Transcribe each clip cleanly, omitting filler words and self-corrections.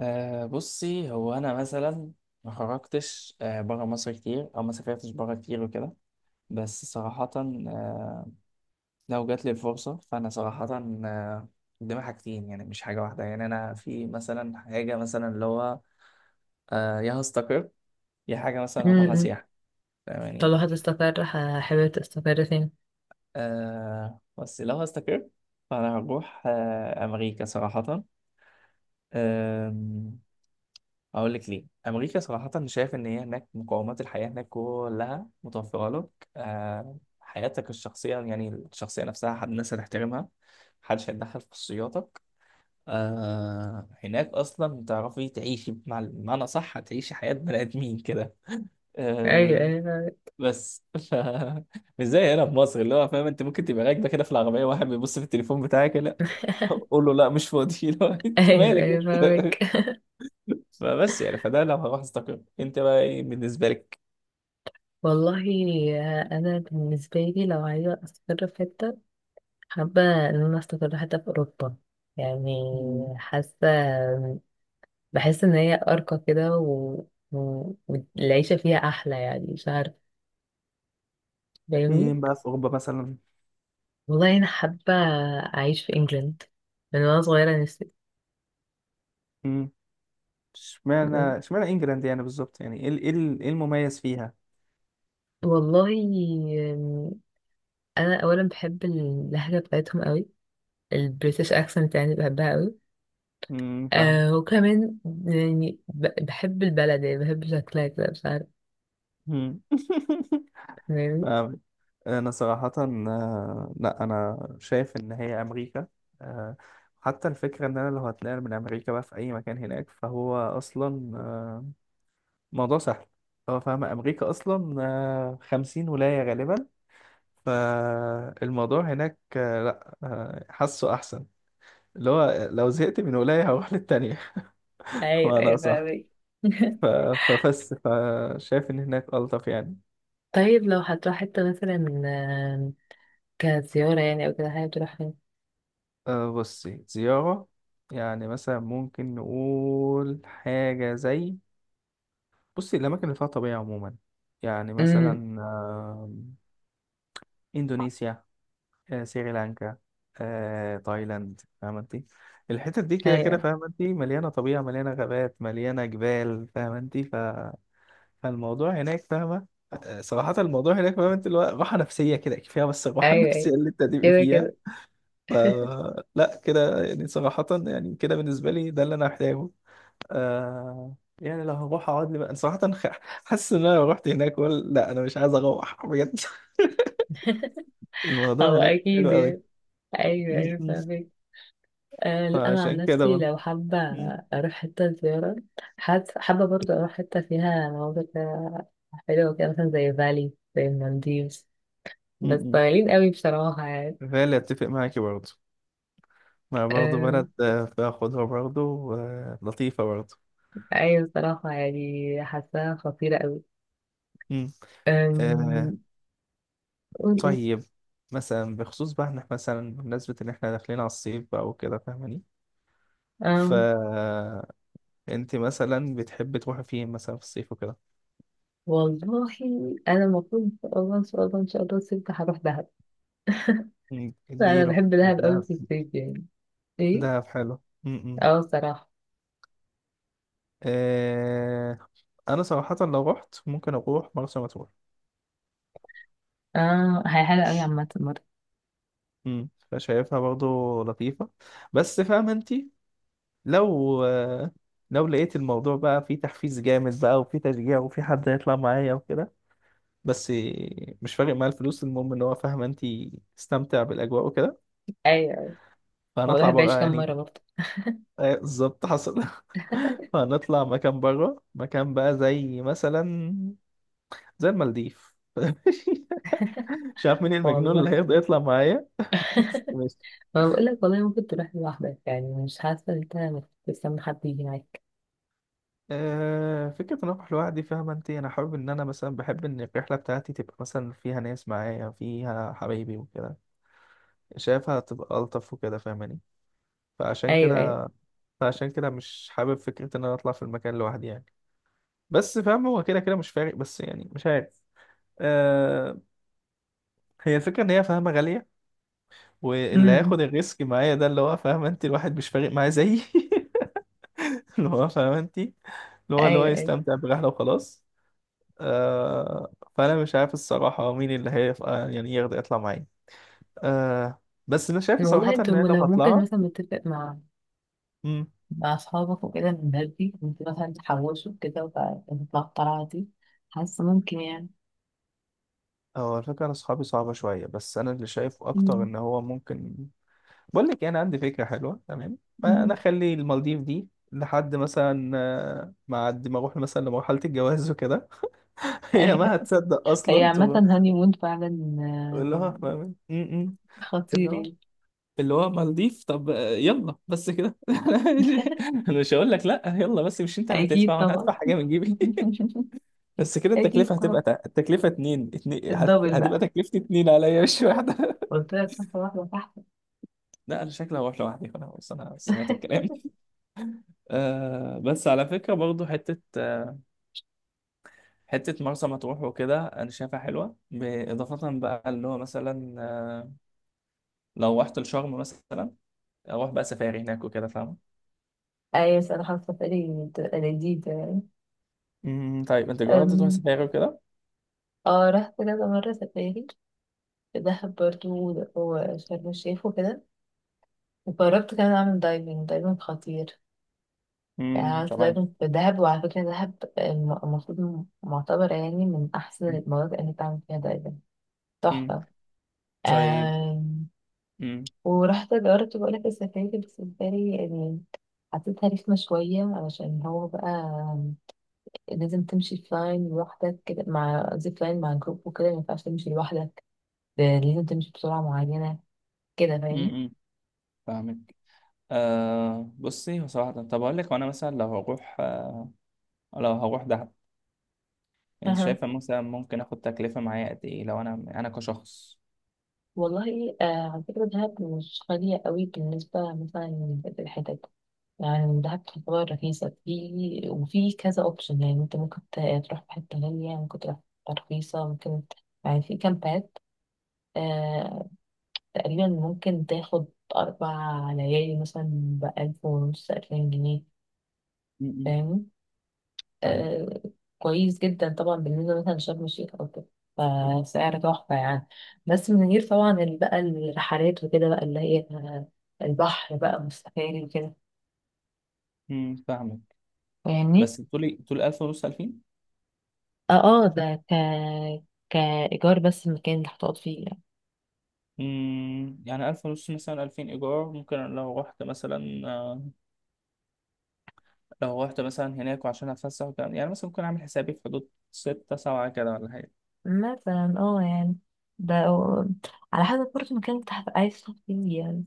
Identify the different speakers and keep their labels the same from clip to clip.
Speaker 1: بصي، هو انا مثلا ما خرجتش بره مصر كتير، او ما سافرتش بره كتير وكده. بس صراحة، لو جات لي الفرصة فانا صراحة أه قدامي حاجتين، يعني مش حاجة واحدة. يعني انا في مثلا حاجة، مثلا اللي هو يا هستقر يا حاجة مثلا هروح
Speaker 2: امم
Speaker 1: سياحة، فاهماني؟
Speaker 2: فلو هتستقر حابب تستقر فين؟
Speaker 1: بس لو هستقر فانا هروح امريكا صراحة. أه اقول لك ليه امريكا. صراحه، شايف ان هي هناك مقومات الحياه هناك كلها متوفره لك. حياتك الشخصيه، يعني الشخصيه نفسها، حد الناس هتحترمها، محدش هيتدخل في خصوصياتك. هناك اصلا تعرفي تعيشي مع، بمعنى صح هتعيشي حياه بني ادمين كده.
Speaker 2: ايوه
Speaker 1: آه
Speaker 2: ايوه فاهمك.
Speaker 1: بس ف... مش زي هنا في مصر، اللي هو فاهم انت ممكن تبقى راكبه كده في العربيه واحد بيبص في التليفون بتاعك، لا قول له لا مش فاضي لو انت
Speaker 2: ايوه
Speaker 1: مالك
Speaker 2: ايوه
Speaker 1: انت.
Speaker 2: فاهمك.
Speaker 1: فبس يعني، فده لو هروح استقر. انت بقى ايه بالنسبه لك؟
Speaker 2: والله انا بالنسبه لي لو عايزه استقر في حته، حابه ان انا استقر حتى في اوروبا يعني.
Speaker 1: مم.
Speaker 2: حاسه بحس ان هي ارقى كده والعيشه فيها احلى يعني مش عارفه، فاهمني.
Speaker 1: فين بقى في اوروبا مثلا؟
Speaker 2: والله انا حابه اعيش في انجلند من وانا صغيره نفسي.
Speaker 1: مم. اشمعنى انجلاند يعني بالظبط، يعني إيه المميز فيها؟
Speaker 2: والله انا اولا بحب اللهجه بتاعتهم قوي، البريتش اكسنت يعني بحبها قوي.
Speaker 1: مم، فاهم.
Speaker 2: وكمان يعني بحب البلد يعني بحب شكلها كده مش عارفة،
Speaker 1: مم.
Speaker 2: فاهماني؟
Speaker 1: فاهم. انا صراحة لا، انا شايف ان هي امريكا. آه، حتى الفكرة ان انا لو هتنقل من امريكا بقى في اي مكان هناك فهو اصلا موضوع سهل. هو فاهم امريكا اصلا 50 ولاية غالبا. فالموضوع هناك لا حاسه احسن. اللي هو لو زهقت من ولاية هروح للتانية
Speaker 2: ايوه
Speaker 1: وانا
Speaker 2: ايوه
Speaker 1: صح.
Speaker 2: فاهمك.
Speaker 1: ف- فبس، فشايف ان هناك الطف يعني.
Speaker 2: طيب لو هتروح حتة مثلا كزيارة يعني أو كده، حابب تروح فين؟
Speaker 1: بصي زيارة، يعني مثلا ممكن نقول حاجة زي، بصي الأماكن اللي فيها طبيعة عموما، يعني مثلا
Speaker 2: أمم،
Speaker 1: آم، إندونيسيا، سريلانكا، تايلاند، فاهمة انت. الحتت دي كده كده
Speaker 2: أيوة.
Speaker 1: فاهمة انت، مليانة طبيعة مليانة غابات مليانة جبال فاهمة انت. فالموضوع هناك فاهمة، صراحة الموضوع هناك فاهمة انت، اللي هو راحة نفسية كده كفاية، بس الراحة
Speaker 2: أيوه
Speaker 1: النفسية
Speaker 2: أيوه.
Speaker 1: اللي انت هتبقي
Speaker 2: كده
Speaker 1: فيها.
Speaker 2: كده.
Speaker 1: ف لا كده يعني، صراحة يعني كده بالنسبة لي ده اللي انا محتاجه. يعني لو هروح اقعد لي بقى صراحة، حاسس ان انا لو رحت هناك ولا لا، انا مش عايز اروح بجد. الموضوع
Speaker 2: هو
Speaker 1: هناك حلو
Speaker 2: أكيد
Speaker 1: قوي.
Speaker 2: يعني. أيوه أيوه
Speaker 1: م.
Speaker 2: فاهمك. لا، أنا عن
Speaker 1: فعشان كده.
Speaker 2: نفسي لو حابة
Speaker 1: مم.
Speaker 2: أروح حتة زيارة، حابة حابة برضه أروح حتة فيها مناظر كده حلوة، كده مثلا زي فالي، زي المالديفز. بس
Speaker 1: مم.
Speaker 2: طويلين قوي بصراحة يعني.
Speaker 1: فعلا اتفق معاكي برضه، ما برضه
Speaker 2: أم،
Speaker 1: بلد فاخدها برضه لطيفة برضه.
Speaker 2: أيوة. بصراحة يعني حاساها خطيرة قوي.
Speaker 1: مم. آه،
Speaker 2: أم، قول إيه؟
Speaker 1: طيب مثلا بخصوص بقى إن إحنا مثلا، بمناسبة ان احنا داخلين على الصيف بقى وكده فاهماني.
Speaker 2: أم،
Speaker 1: فانت مثلا بتحبي تروحي فين مثلا في الصيف وكده؟
Speaker 2: والله أنا المفروض إن شاء الله إن شاء الله إن شاء الله الصيف هروح دهب.
Speaker 1: مم.
Speaker 2: أنا
Speaker 1: اديله،
Speaker 2: بحب
Speaker 1: لا،
Speaker 2: دهب قوي
Speaker 1: دهب.
Speaker 2: في الصيف يعني. إيه؟
Speaker 1: دهب حلو. مم.
Speaker 2: بصراحة.
Speaker 1: آه، انا صراحة لو رحت ممكن اروح مرسى مطروح.
Speaker 2: هي حلوة قوي عامة مرة.
Speaker 1: فشايفها برضو لطيفة، بس فاهم انت، لو لو لقيت الموضوع بقى فيه تحفيز جامد بقى وفيه تشجيع وفيه حد هيطلع معايا وكده، بس مش فارق معايا الفلوس، المهم ان هو فاهمه انت استمتع بالاجواء وكده.
Speaker 2: أيوة، هو
Speaker 1: فهنطلع
Speaker 2: الواحد
Speaker 1: بره
Speaker 2: بيعيش كام
Speaker 1: يعني.
Speaker 2: مرة برضه.
Speaker 1: بالظبط حصل. فهنطلع مكان بره، مكان بقى زي مثلا زي المالديف. مش عارف مين المجنون اللي
Speaker 2: والله،
Speaker 1: هيرضى يطلع معايا. بس
Speaker 2: ما بقول لك والله ممكن تروح لوحدك يعني، مش حاسة إن أنت مستني حد يجي معاك.
Speaker 1: فكرة إن أروح لوحدي، فاهمة أنت، أنا حابب إن أنا مثلا بحب إن الرحلة بتاعتي تبقى مثلا فيها ناس معايا فيها حبايبي وكده، شايفها تبقى ألطف وكده فاهماني. فعشان
Speaker 2: أيوة أيوة.
Speaker 1: كده فعشان كده مش حابب فكرة إن أنا أطلع في المكان لوحدي يعني. بس فاهمة هو كده كده مش فارق، بس يعني مش عارف. أه هي الفكرة إن هي فاهمة غالية، واللي
Speaker 2: أمم.
Speaker 1: هياخد الريسك معايا ده اللي هو فاهمة أنت الواحد مش فارق معاه زيي. اللي هو فاهمة أنت، اللي هو
Speaker 2: ايوه ايوه.
Speaker 1: يستمتع برحلة وخلاص. فأنا مش عارف الصراحة مين اللي هيبقى يعني يقدر يطلع معايا. بس أنا شايف
Speaker 2: والله
Speaker 1: صراحة إن أنا
Speaker 2: انتوا
Speaker 1: لو
Speaker 2: لو ممكن
Speaker 1: هطلعها.
Speaker 2: مثلا نتفق مع
Speaker 1: مم.
Speaker 2: مع أصحابك وكده من بدري، انت مثلا تحوشوا كده وتطلعوا الطلعة دي، حاسة ممكن يعني.
Speaker 1: هو الفكرة أنا أصحابي صعبة شوية، بس أنا اللي شايفه أكتر
Speaker 2: مم.
Speaker 1: إن هو ممكن، بقول لك إيه، أنا عندي فكرة حلوة تمام، ما أنا
Speaker 2: مم.
Speaker 1: أخلي المالديف دي لحد مثلا ما عد ما أروح مثلا لمرحلة الجواز وكده. هي ما هتصدق
Speaker 2: هي
Speaker 1: أصلا،
Speaker 2: عامة
Speaker 1: تقول
Speaker 2: هاني مون فعلا،
Speaker 1: لها فاهم. م. اللي
Speaker 2: خطير
Speaker 1: هو
Speaker 2: يعني.
Speaker 1: اللي هو مالديف. طب يلا بس كده. انا مش أنا مش هقول لك لا يلا، بس مش انت اللي
Speaker 2: أكيد
Speaker 1: هتدفع وانا
Speaker 2: طبعا.
Speaker 1: هدفع حاجه من جيبي. بس كده
Speaker 2: أكيد
Speaker 1: التكلفه هتبقى،
Speaker 2: طبعا.
Speaker 1: التكلفه اتنين اتنين
Speaker 2: الدبل
Speaker 1: هتبقى
Speaker 2: بقى،
Speaker 1: تكلفتي اتنين عليا مش واحده.
Speaker 2: قلت لك خطوة واحدة تحت.
Speaker 1: لا، انا شكلي هروح لوحدي خلاص، انا سمعت الكلام. بس على فكره برضو حته، حته مرسى مطروح وكده انا شايفها حلوه، باضافه بقى اللي هو مثلا لو رحت لشرم مثلا، اروح بقى سفاري هناك وكده فاهم؟
Speaker 2: أيوة، بس أنا حاسة سفري بتبقى لذيذة يعني.
Speaker 1: طيب انت جربت تروح
Speaker 2: أم،
Speaker 1: سفاري وكده؟
Speaker 2: اه رحت كذا مرة سفاري في دهب برضه وشرم الشيخ وكده، وجربت كمان أعمل دايفنج. دايفنج خطير يعني. عملت
Speaker 1: طبعا.
Speaker 2: دايفنج في دهب، وعلى فكرة دهب المفروض معتبرة يعني من أحسن المناطق اللي تعمل فيها دايفنج.
Speaker 1: مم.
Speaker 2: تحفة.
Speaker 1: طيب.
Speaker 2: آم،
Speaker 1: مم.
Speaker 2: ورحت جربت، بقولك السفاري بس السفاري يعني حسيتها رخمة شوية، علشان هو بقى لازم تمشي في لاين لوحدك كده مع زيب لاين مع جروب وكده، مينفعش تمشي لوحدك، ده لازم تمشي بسرعة معينة كده،
Speaker 1: مم.
Speaker 2: فاهم.
Speaker 1: مم. فاهمك. بصي هو صراحة، طب أقول لك وأنا مثلا لو هروح آه لو هروح دهب، أنت
Speaker 2: أها.
Speaker 1: شايفة مثلا ممكن آخد تكلفة معايا قد إيه لو أنا أنا كشخص؟
Speaker 2: والله على فكرة دهب مش غالية قوي بالنسبة مثلا للحتت، يعني من دهب تعتبر رخيصة، في وفي كذا اوبشن. يعني انت ممكن تروح في حتة غالية، ممكن تروح في حتة رخيصة، ممكن يعني في كامبات، آه تقريبا ممكن تاخد 4 ليالي مثلا بألف ونص، 2000 جنيه،
Speaker 1: مم. مم.
Speaker 2: فاهم.
Speaker 1: فاهمك.
Speaker 2: آه كويس جدا طبعا بالنسبة مثلا لشرم الشيخ أو كده، فسعر تحفة يعني، بس من غير طبعا بقى الرحلات وكده بقى اللي هي البحر بقى والسفاري وكده،
Speaker 1: مم. فاهمك.
Speaker 2: فاهمني.
Speaker 1: بس بتقولي 1500 2000.
Speaker 2: اه اه، ده كإيجار بس المكان اللي هتقعد فيه يعني.
Speaker 1: مم. يعني 1500 مثلا 2000 إيجار، ممكن لو رحت مثلا، لو رحت مثلا هناك وعشان أتفسح وكده، يعني مثلا ممكن أعمل حسابي في حدود 6 7 كده ولا حاجة.
Speaker 2: مثلا يعني ده على حسب برضه المكان اللي هتبقى عايز تقعد فيه يعني.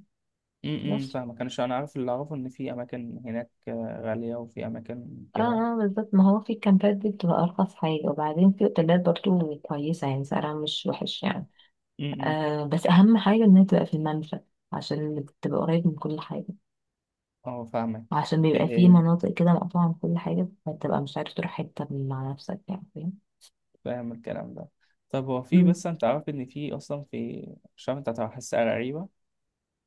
Speaker 2: بس
Speaker 1: فاهمك. انا انا عارف اللي اعرفه، ان في اماكن هناك غاليه وفي اماكن
Speaker 2: اه
Speaker 1: كده.
Speaker 2: اه بالظبط، ما هو في الكامبات دي بتبقى أرخص حاجة، وبعدين في أوتيلات برضه كويسة يعني سعرها مش وحش يعني.
Speaker 1: امم امم.
Speaker 2: بس أهم حاجة إنها تبقى في الممشى عشان تبقى قريب من كل حاجة،
Speaker 1: اه، فاهمك.
Speaker 2: وعشان بيبقى في
Speaker 1: إيه،
Speaker 2: مناطق كده مقطوعة من كل حاجة فتبقى مش عارف تروح حتة مع نفسك يعني، فاهم؟
Speaker 1: فاهم الكلام ده. طب هو في،
Speaker 2: مم.
Speaker 1: بس انت عارف ان في اصلا في، مش عارف انت هتحسها غريبه،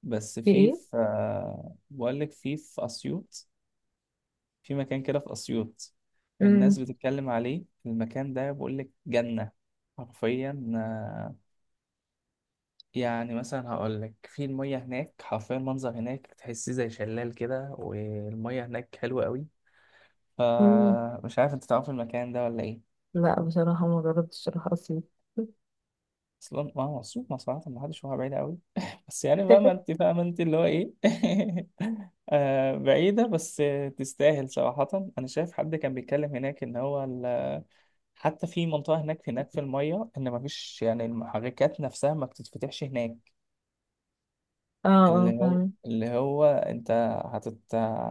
Speaker 1: بس
Speaker 2: في
Speaker 1: في
Speaker 2: ايه؟
Speaker 1: في بقول لك في اسيوط. في مكان كده في اسيوط
Speaker 2: مم.
Speaker 1: الناس بتتكلم عليه. المكان ده بقول لك جنه حرفيا، يعني مثلا هقول لك في المية هناك حرفيا، المنظر هناك تحسيه زي شلال كده، والمية هناك حلوة قوي.
Speaker 2: مم.
Speaker 1: فمش عارف انت تعرف المكان ده ولا ايه؟
Speaker 2: لا بصراحة ما جربتش اروح اسيوط.
Speaker 1: اصلا ما هو مصروف، ما صراحة ما حدش، هو بعيدة قوي، بس يعني فاهمة انت فاهمة انت اللي هو ايه. بعيدة بس تستاهل صراحة. انا شايف حد كان بيتكلم هناك ان هو حتى في منطقة هناك، في المية ان مفيش، يعني المحركات نفسها ما بتتفتحش هناك.
Speaker 2: اه
Speaker 1: اللي
Speaker 2: اه
Speaker 1: هو،
Speaker 2: فاهمة.
Speaker 1: انت هتت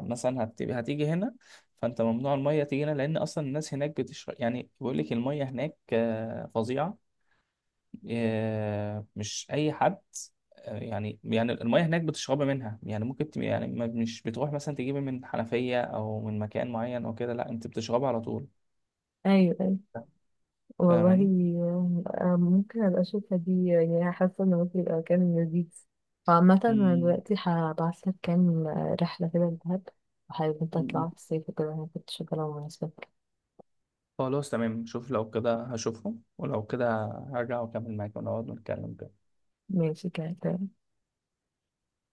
Speaker 1: مثلا هتيجي هنا، فانت ممنوع الميه تيجي هنا لان اصلا الناس هناك بتشرب، يعني بيقول لك الميه هناك فظيعه. مش اي حد. يعني، يعني الميه هناك بتشربي منها، يعني ممكن تبقى، يعني مش بتروح مثلا تجيبي من حنفيه او من مكان معين او كده، لا، انت بتشربها على طول.
Speaker 2: ايوه ايوه. والله
Speaker 1: فاهماني؟
Speaker 2: آم، آم، ممكن ابقى اشوفها دي، يعني حاسة ان ممكن يبقى مكان لذيذ. وعامة انا
Speaker 1: مم.
Speaker 2: دلوقتي هبعتلك كام رحلة كده لدهب، وحابب انت تطلع
Speaker 1: مم.
Speaker 2: في الصيف وكده، انا كنت شغالة ومناسبة.
Speaker 1: خلاص تمام، شوف لو كده هشوفهم، ولو كده هرجع واكمل معاك ونقعد نتكلم كده.
Speaker 2: ماشي كده.